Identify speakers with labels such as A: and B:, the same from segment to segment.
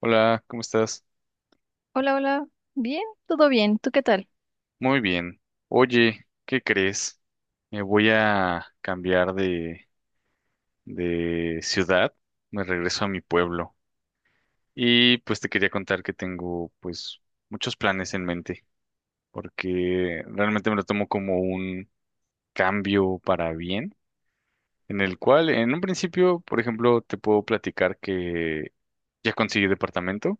A: Hola, ¿cómo estás?
B: Hola, hola. Bien, todo bien. ¿Tú qué tal?
A: Muy bien. Oye, ¿qué crees? Me voy a cambiar de ciudad, me regreso a mi pueblo y pues te quería contar que tengo pues muchos planes en mente porque realmente me lo tomo como un cambio para bien, en el cual en un principio, por ejemplo, te puedo platicar que ya conseguí departamento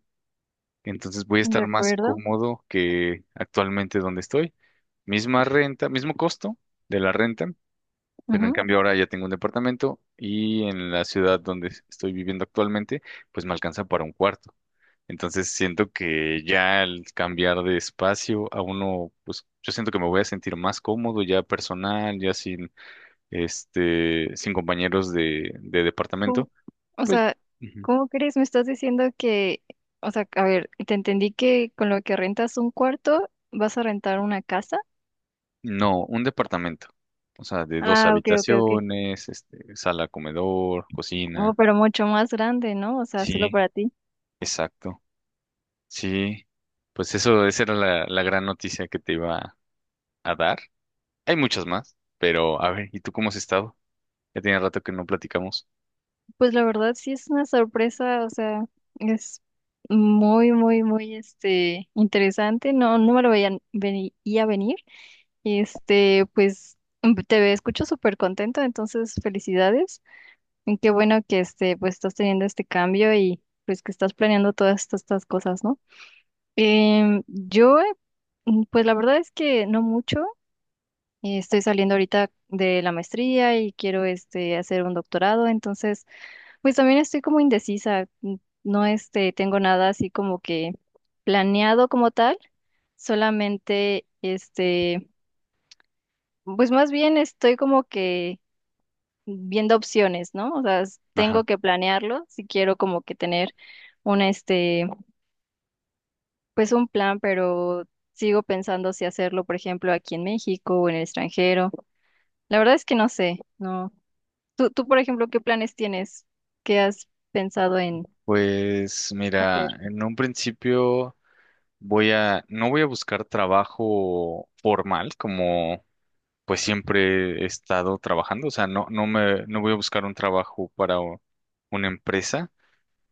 A: entonces voy a
B: De
A: estar más
B: acuerdo.
A: cómodo que actualmente donde estoy. Misma renta, mismo costo de la renta, pero en
B: Ujú.
A: cambio ahora ya tengo un departamento y en la ciudad donde estoy viviendo actualmente, pues me alcanza para un cuarto. Entonces siento que ya al cambiar de espacio a uno, pues yo siento que me voy a sentir más cómodo ya personal, ya sin sin compañeros de
B: ¿Cómo-
A: departamento,
B: O
A: pues.
B: sea, ¿cómo crees? Me estás diciendo que, o sea, a ver, te entendí que con lo que rentas un cuarto vas a rentar una casa.
A: No, un departamento. O sea, de dos
B: Ah, ok, ok, ok.
A: habitaciones, este, sala, comedor,
B: Oh,
A: cocina.
B: pero mucho más grande, ¿no? O sea, solo
A: Sí,
B: para ti.
A: exacto. Sí, pues eso, esa era la gran noticia que te iba a dar. Hay muchas más, pero a ver, ¿y tú cómo has estado? Ya tiene rato que no platicamos.
B: Pues la verdad sí es una sorpresa, o sea, es muy, muy, muy, interesante. No, no me lo veía, venía venir. Pues escucho súper contento, entonces felicidades. Y qué bueno que pues estás teniendo este cambio y pues que estás planeando todas estas cosas, ¿no? Yo, pues la verdad es que no mucho. Estoy saliendo ahorita de la maestría y quiero hacer un doctorado, entonces pues también estoy como indecisa. No tengo nada así como que planeado como tal, solamente pues más bien estoy como que viendo opciones, ¿no? O sea,
A: Ajá.
B: tengo que planearlo si quiero como que tener un este, pues un plan, pero sigo pensando si hacerlo, por ejemplo, aquí en México o en el extranjero. La verdad es que no sé, ¿no? Tú, por ejemplo, ¿qué planes tienes? ¿Qué has pensado en
A: Pues
B: hacer?
A: mira, en un principio no voy a buscar trabajo formal como pues siempre he estado trabajando, o sea, no voy a buscar un trabajo para una empresa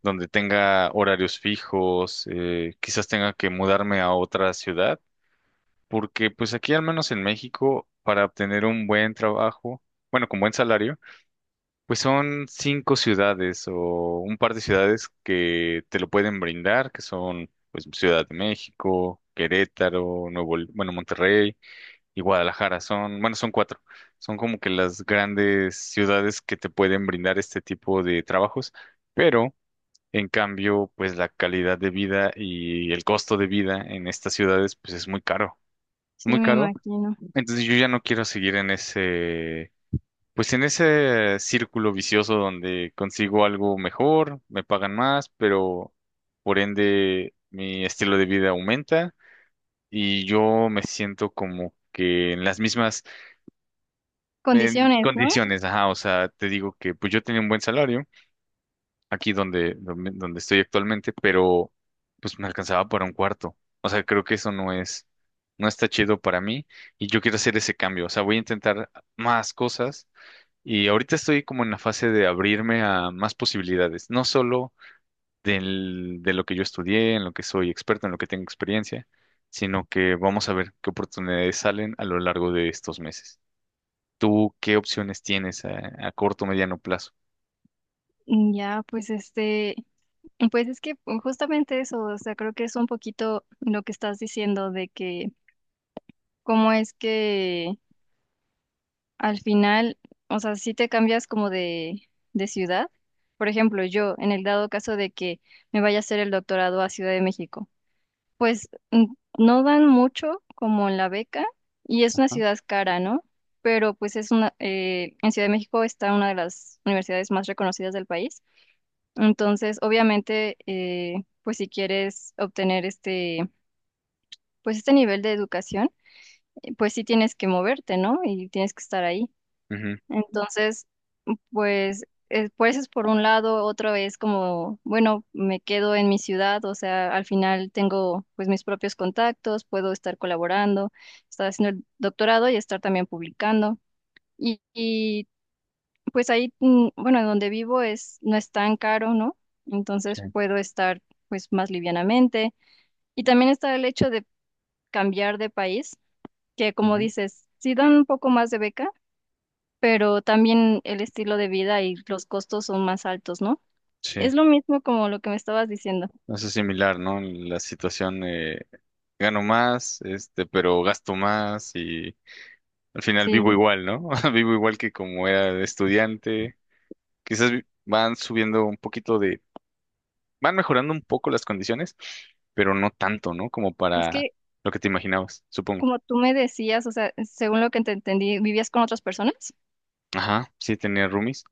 A: donde tenga horarios fijos, quizás tenga que mudarme a otra ciudad, porque pues aquí al menos en México, para obtener un buen trabajo, bueno, con buen salario, pues son cinco ciudades o un par de ciudades que te lo pueden brindar, que son pues Ciudad de México, Querétaro, bueno, Monterrey y Guadalajara. Son, bueno, son cuatro. Son como que las grandes ciudades que te pueden brindar este tipo de trabajos, pero en cambio, pues la calidad de vida y el costo de vida en estas ciudades, pues es muy caro, muy
B: Sí, me
A: caro.
B: imagino.
A: Entonces yo ya no quiero seguir en pues en ese círculo vicioso donde consigo algo mejor, me pagan más, pero por ende mi estilo de vida aumenta y yo me siento como que en las mismas. En
B: Condiciones, ¿no?
A: condiciones, ajá, o sea, te digo que pues yo tenía un buen salario aquí donde estoy actualmente, pero pues me alcanzaba para un cuarto. O sea, creo que eso no es, no está chido para mí y yo quiero hacer ese cambio. O sea, voy a intentar más cosas y ahorita estoy como en la fase de abrirme a más posibilidades, no solo de lo que yo estudié, en lo que soy experto, en lo que tengo experiencia, sino que vamos a ver qué oportunidades salen a lo largo de estos meses. ¿Tú qué opciones tienes a corto o mediano plazo?
B: Ya, pues es que justamente eso, o sea, creo que es un poquito lo que estás diciendo de que cómo es que al final, o sea, si te cambias como de, ciudad. Por ejemplo, yo, en el dado caso de que me vaya a hacer el doctorado a Ciudad de México, pues no dan mucho como en la beca y es una
A: Ajá,
B: ciudad cara, ¿no? Pero pues es una, en Ciudad de México está una de las universidades más reconocidas del país. Entonces, obviamente, pues si quieres obtener pues este nivel de educación, pues sí tienes que moverte, ¿no? Y tienes que estar ahí.
A: ujú,
B: Entonces, pues, es por un lado, otro es como, bueno, me quedo en mi ciudad, o sea, al final tengo pues mis propios contactos, puedo estar colaborando, estar haciendo el doctorado y estar también publicando. Y, y, pues ahí, bueno, donde vivo es, no es tan caro, ¿no?
A: sí.
B: Entonces puedo estar pues más livianamente. Y también está el hecho de cambiar de país, que como
A: Ujú,
B: dices, sí dan un poco más de beca, pero también el estilo de vida y los costos son más altos, ¿no?
A: sí,
B: Es lo mismo como lo que me estabas diciendo.
A: eso es similar, ¿no? La situación, gano más, este, pero gasto más y al final vivo
B: Sí.
A: igual, ¿no? Vivo igual que como era de estudiante. Quizás van subiendo un poquito de, van mejorando un poco las condiciones, pero no tanto, ¿no? Como
B: Es
A: para
B: que,
A: lo que te imaginabas, supongo.
B: como tú me decías, o sea, según lo que te entendí, ¿vivías con otras personas?
A: Ajá, sí, tenía roomies.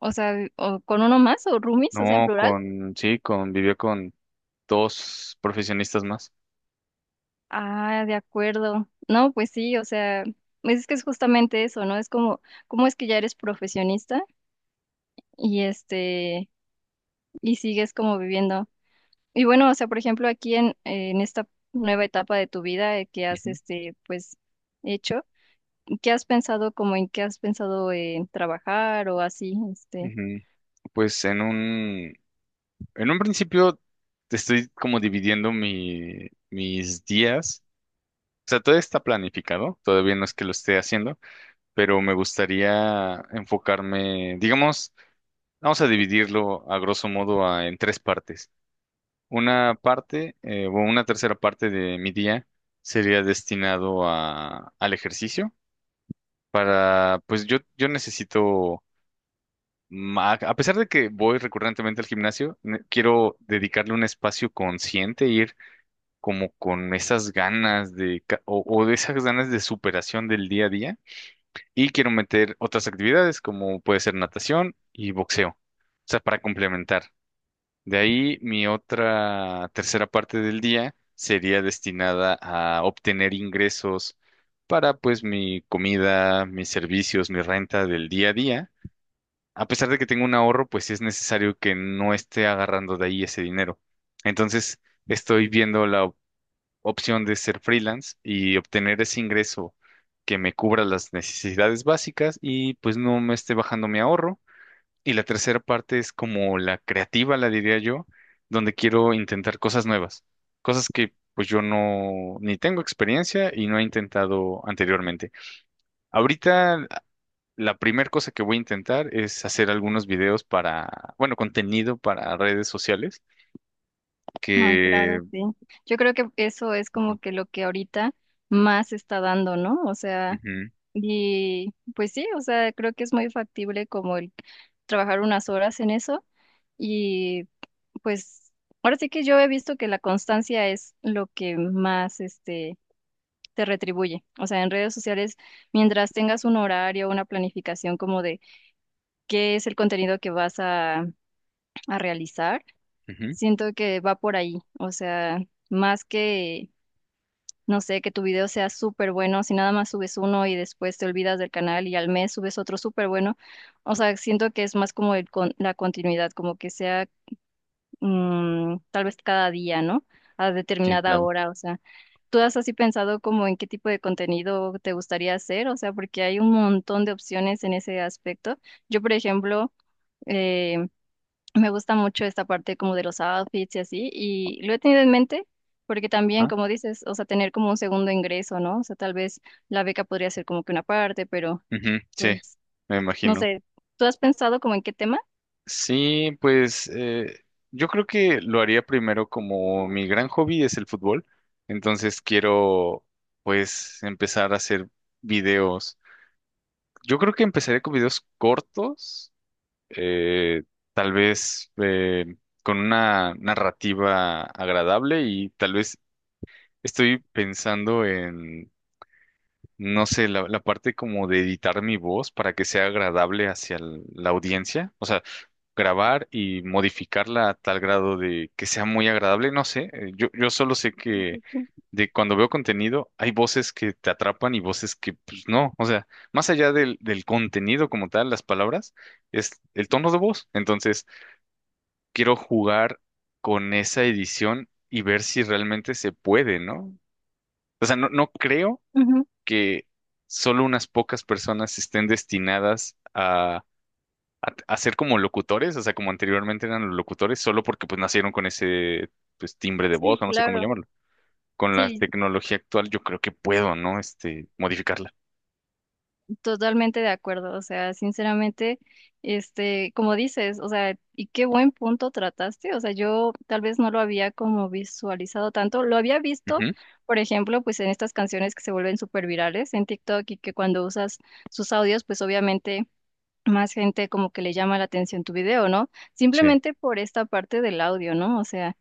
B: O sea, o con uno más, o roomies, o sea, en
A: No,
B: plural.
A: con, sí, con, vivió con dos profesionistas más.
B: Ah, de acuerdo. No, pues sí, o sea, pues es que es justamente eso, ¿no? Es como, ¿cómo es que ya eres profesionista y este, y sigues como viviendo? Y bueno, o sea, por ejemplo, aquí en esta nueva etapa de tu vida, que has hecho, ¿qué has pensado, como en qué has pensado en trabajar o así?
A: Ujú. Pues en en un principio estoy como dividiendo mis días. O sea, todo está planificado, todavía no es que lo esté haciendo, pero me gustaría enfocarme, digamos, vamos a dividirlo a grosso modo en tres partes. Una parte, o una tercera parte de mi día sería destinado al ejercicio para, pues yo necesito a pesar de que voy recurrentemente al gimnasio, quiero dedicarle un espacio consciente, ir como con esas ganas o de esas ganas de superación del día a día. Y quiero meter otras actividades como puede ser natación y boxeo. O sea, para complementar. De ahí mi otra tercera parte del día sería destinada a obtener ingresos para pues mi comida, mis servicios, mi renta del día a día a pesar de que tengo un ahorro, pues sí es necesario que no esté agarrando de ahí ese dinero. Entonces, estoy viendo la opción de ser freelance y obtener ese ingreso que me cubra las necesidades básicas y pues no me esté bajando mi ahorro. Y la tercera parte es como la creativa, la diría yo, donde quiero intentar cosas nuevas, cosas que pues yo no ni tengo experiencia y no he intentado anteriormente. Ahorita la primera cosa que voy a intentar es hacer algunos videos para, bueno, contenido para redes sociales
B: Ah,
A: que...
B: claro, sí. Yo creo que eso es como que lo que ahorita más está dando, ¿no? O sea,
A: Ujú,
B: y pues sí, o sea, creo que es muy factible como el trabajar unas horas en eso y pues ahora sí que yo he visto que la constancia es lo que más, te retribuye. O sea, en redes sociales, mientras tengas un horario, una planificación como de qué es el contenido que vas a realizar,
A: ujú,
B: siento que va por ahí. O sea, más que, no sé, que tu video sea súper bueno, si nada más subes uno y después te olvidas del canal y al mes subes otro súper bueno, o sea, siento que es más como el la continuidad, como que sea tal vez cada día, ¿no? A
A: sí,
B: determinada
A: claro.
B: hora, o sea, ¿tú has así pensado como en qué tipo de contenido te gustaría hacer? O sea, porque hay un montón de opciones en ese aspecto. Yo, por ejemplo, eh, me gusta mucho esta parte como de los outfits y así, y lo he tenido en mente. Porque también,
A: Ah,
B: como dices, o sea, tener como un segundo ingreso, ¿no? O sea, tal vez la beca podría ser como que una parte, pero
A: ujú, sí,
B: pues,
A: me
B: no
A: imagino.
B: sé, ¿tú has pensado como en qué tema?
A: Sí, pues yo creo que lo haría primero como mi gran hobby es el fútbol, entonces quiero pues empezar a hacer videos. Yo creo que empezaré con videos cortos eh, tal vez con una narrativa agradable y tal vez estoy pensando en, no sé, la parte como de editar mi voz para que sea agradable hacia la audiencia, o sea, grabar y modificarla a tal grado de que sea muy agradable, no sé, yo solo sé que... De cuando veo contenido, hay voces que te atrapan y voces que, pues no. O sea, más allá del contenido como tal, las palabras, es el tono de voz. Entonces, quiero jugar con esa edición y ver si realmente se puede, ¿no? O sea, no creo
B: Ujú.
A: que solo unas pocas personas estén destinadas a ser como locutores, o sea, como anteriormente eran los locutores, solo porque pues nacieron con ese pues timbre de
B: Sí,
A: voz, o no sé cómo
B: claro.
A: llamarlo. Con la
B: Sí,
A: tecnología actual yo creo que puedo, ¿no? Este, modificarla.
B: totalmente de acuerdo, o sea, sinceramente, como dices, o sea, y qué buen punto trataste, o sea, yo tal vez no lo había como visualizado tanto, lo había visto,
A: Ujú,
B: por ejemplo, pues en estas canciones que se vuelven súper virales en TikTok y que cuando usas sus audios, pues obviamente más gente como que le llama la atención tu video, ¿no?
A: sí,
B: Simplemente por esta parte del audio, ¿no? O sea...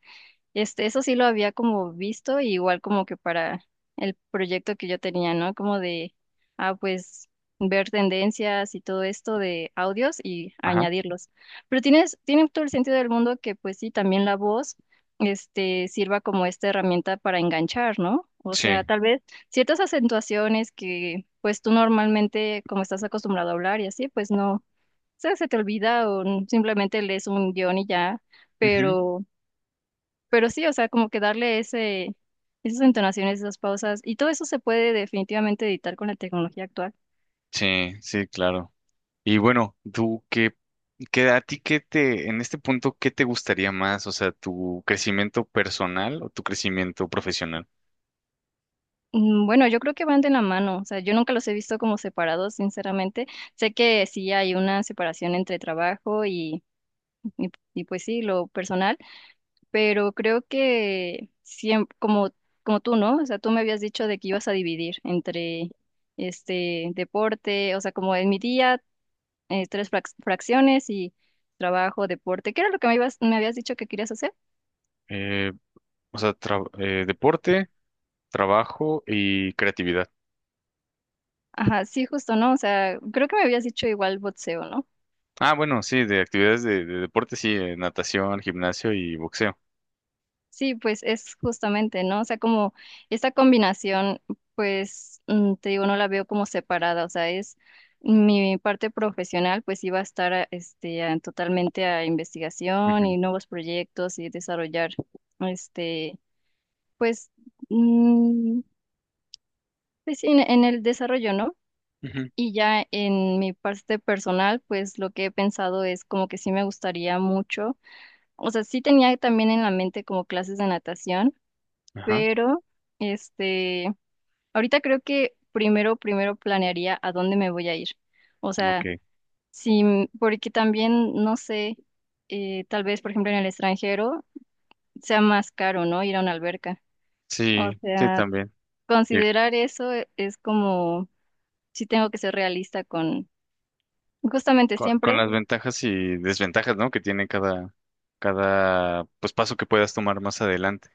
B: Eso sí lo había como visto, igual como que para el proyecto que yo tenía, ¿no? Como de, ah, pues ver tendencias y todo esto de audios y
A: ajá,
B: añadirlos. Pero tiene todo el sentido del mundo que pues sí, también la voz, sirva como esta herramienta para enganchar, ¿no? O sea,
A: sí,
B: tal vez ciertas acentuaciones que pues tú normalmente, como estás acostumbrado a hablar y así, pues no, o sea, se te olvida o simplemente lees un guión y ya,
A: ujú,
B: pero sí, o sea, como que darle ese, esas entonaciones, esas pausas, y todo eso se puede definitivamente editar con la tecnología actual.
A: sí, sí, claro. Y bueno, qué a ti qué te, en este punto, ¿qué te gustaría más? O sea, tu crecimiento personal o tu crecimiento profesional.
B: Bueno, yo creo que van de la mano, o sea, yo nunca los he visto como separados, sinceramente. Sé que sí hay una separación entre trabajo pues sí, lo personal, pero creo que siempre, como tú, ¿no? O sea, tú me habías dicho de que ibas a dividir entre este deporte, o sea, como en mi día, tres fracciones y trabajo, deporte. ¿Qué era lo que me habías dicho que querías hacer?
A: Eh, deporte, trabajo y creatividad.
B: Ajá, sí, justo, ¿no? O sea, creo que me habías dicho igual boxeo, ¿no?
A: Ah, bueno, sí, de actividades de deporte, sí, natación, gimnasio y boxeo.
B: Sí, pues es justamente, ¿no? O sea, como esta combinación, pues te digo, no la veo como separada, o sea, es mi parte profesional, pues iba a estar totalmente a investigación
A: Ujú,
B: y nuevos proyectos y desarrollar, este, pues, mm, pues sí, en el desarrollo, ¿no?
A: ujú,
B: Y ya en mi parte personal, pues lo que he pensado es como que sí me gustaría mucho. O sea, sí tenía también en la mente como clases de natación,
A: ajá,
B: pero este, ahorita creo que primero, primero planearía a dónde me voy a ir. O sea,
A: ok.
B: sí, porque también, no sé, tal vez, por ejemplo, en el extranjero sea más caro, ¿no? Ir a una alberca. O
A: Sí, sí,
B: sea,
A: también. Y
B: considerar eso es como, sí tengo que ser realista con, justamente
A: con
B: siempre.
A: las ventajas y desventajas, ¿no? Que tiene cada, pues, paso que puedas tomar más adelante.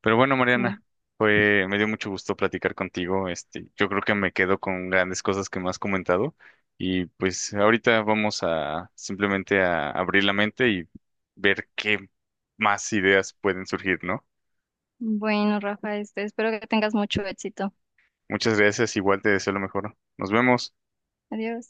A: Pero bueno,
B: Sí.
A: Mariana, fue, me dio mucho gusto platicar contigo. Este, yo creo que me quedo con grandes cosas que me has comentado. Y pues ahorita vamos a simplemente a abrir la mente y ver qué más ideas pueden surgir, ¿no?
B: Bueno, Rafa, espero que tengas mucho éxito.
A: Muchas gracias, igual te deseo lo mejor. Nos vemos.
B: Adiós.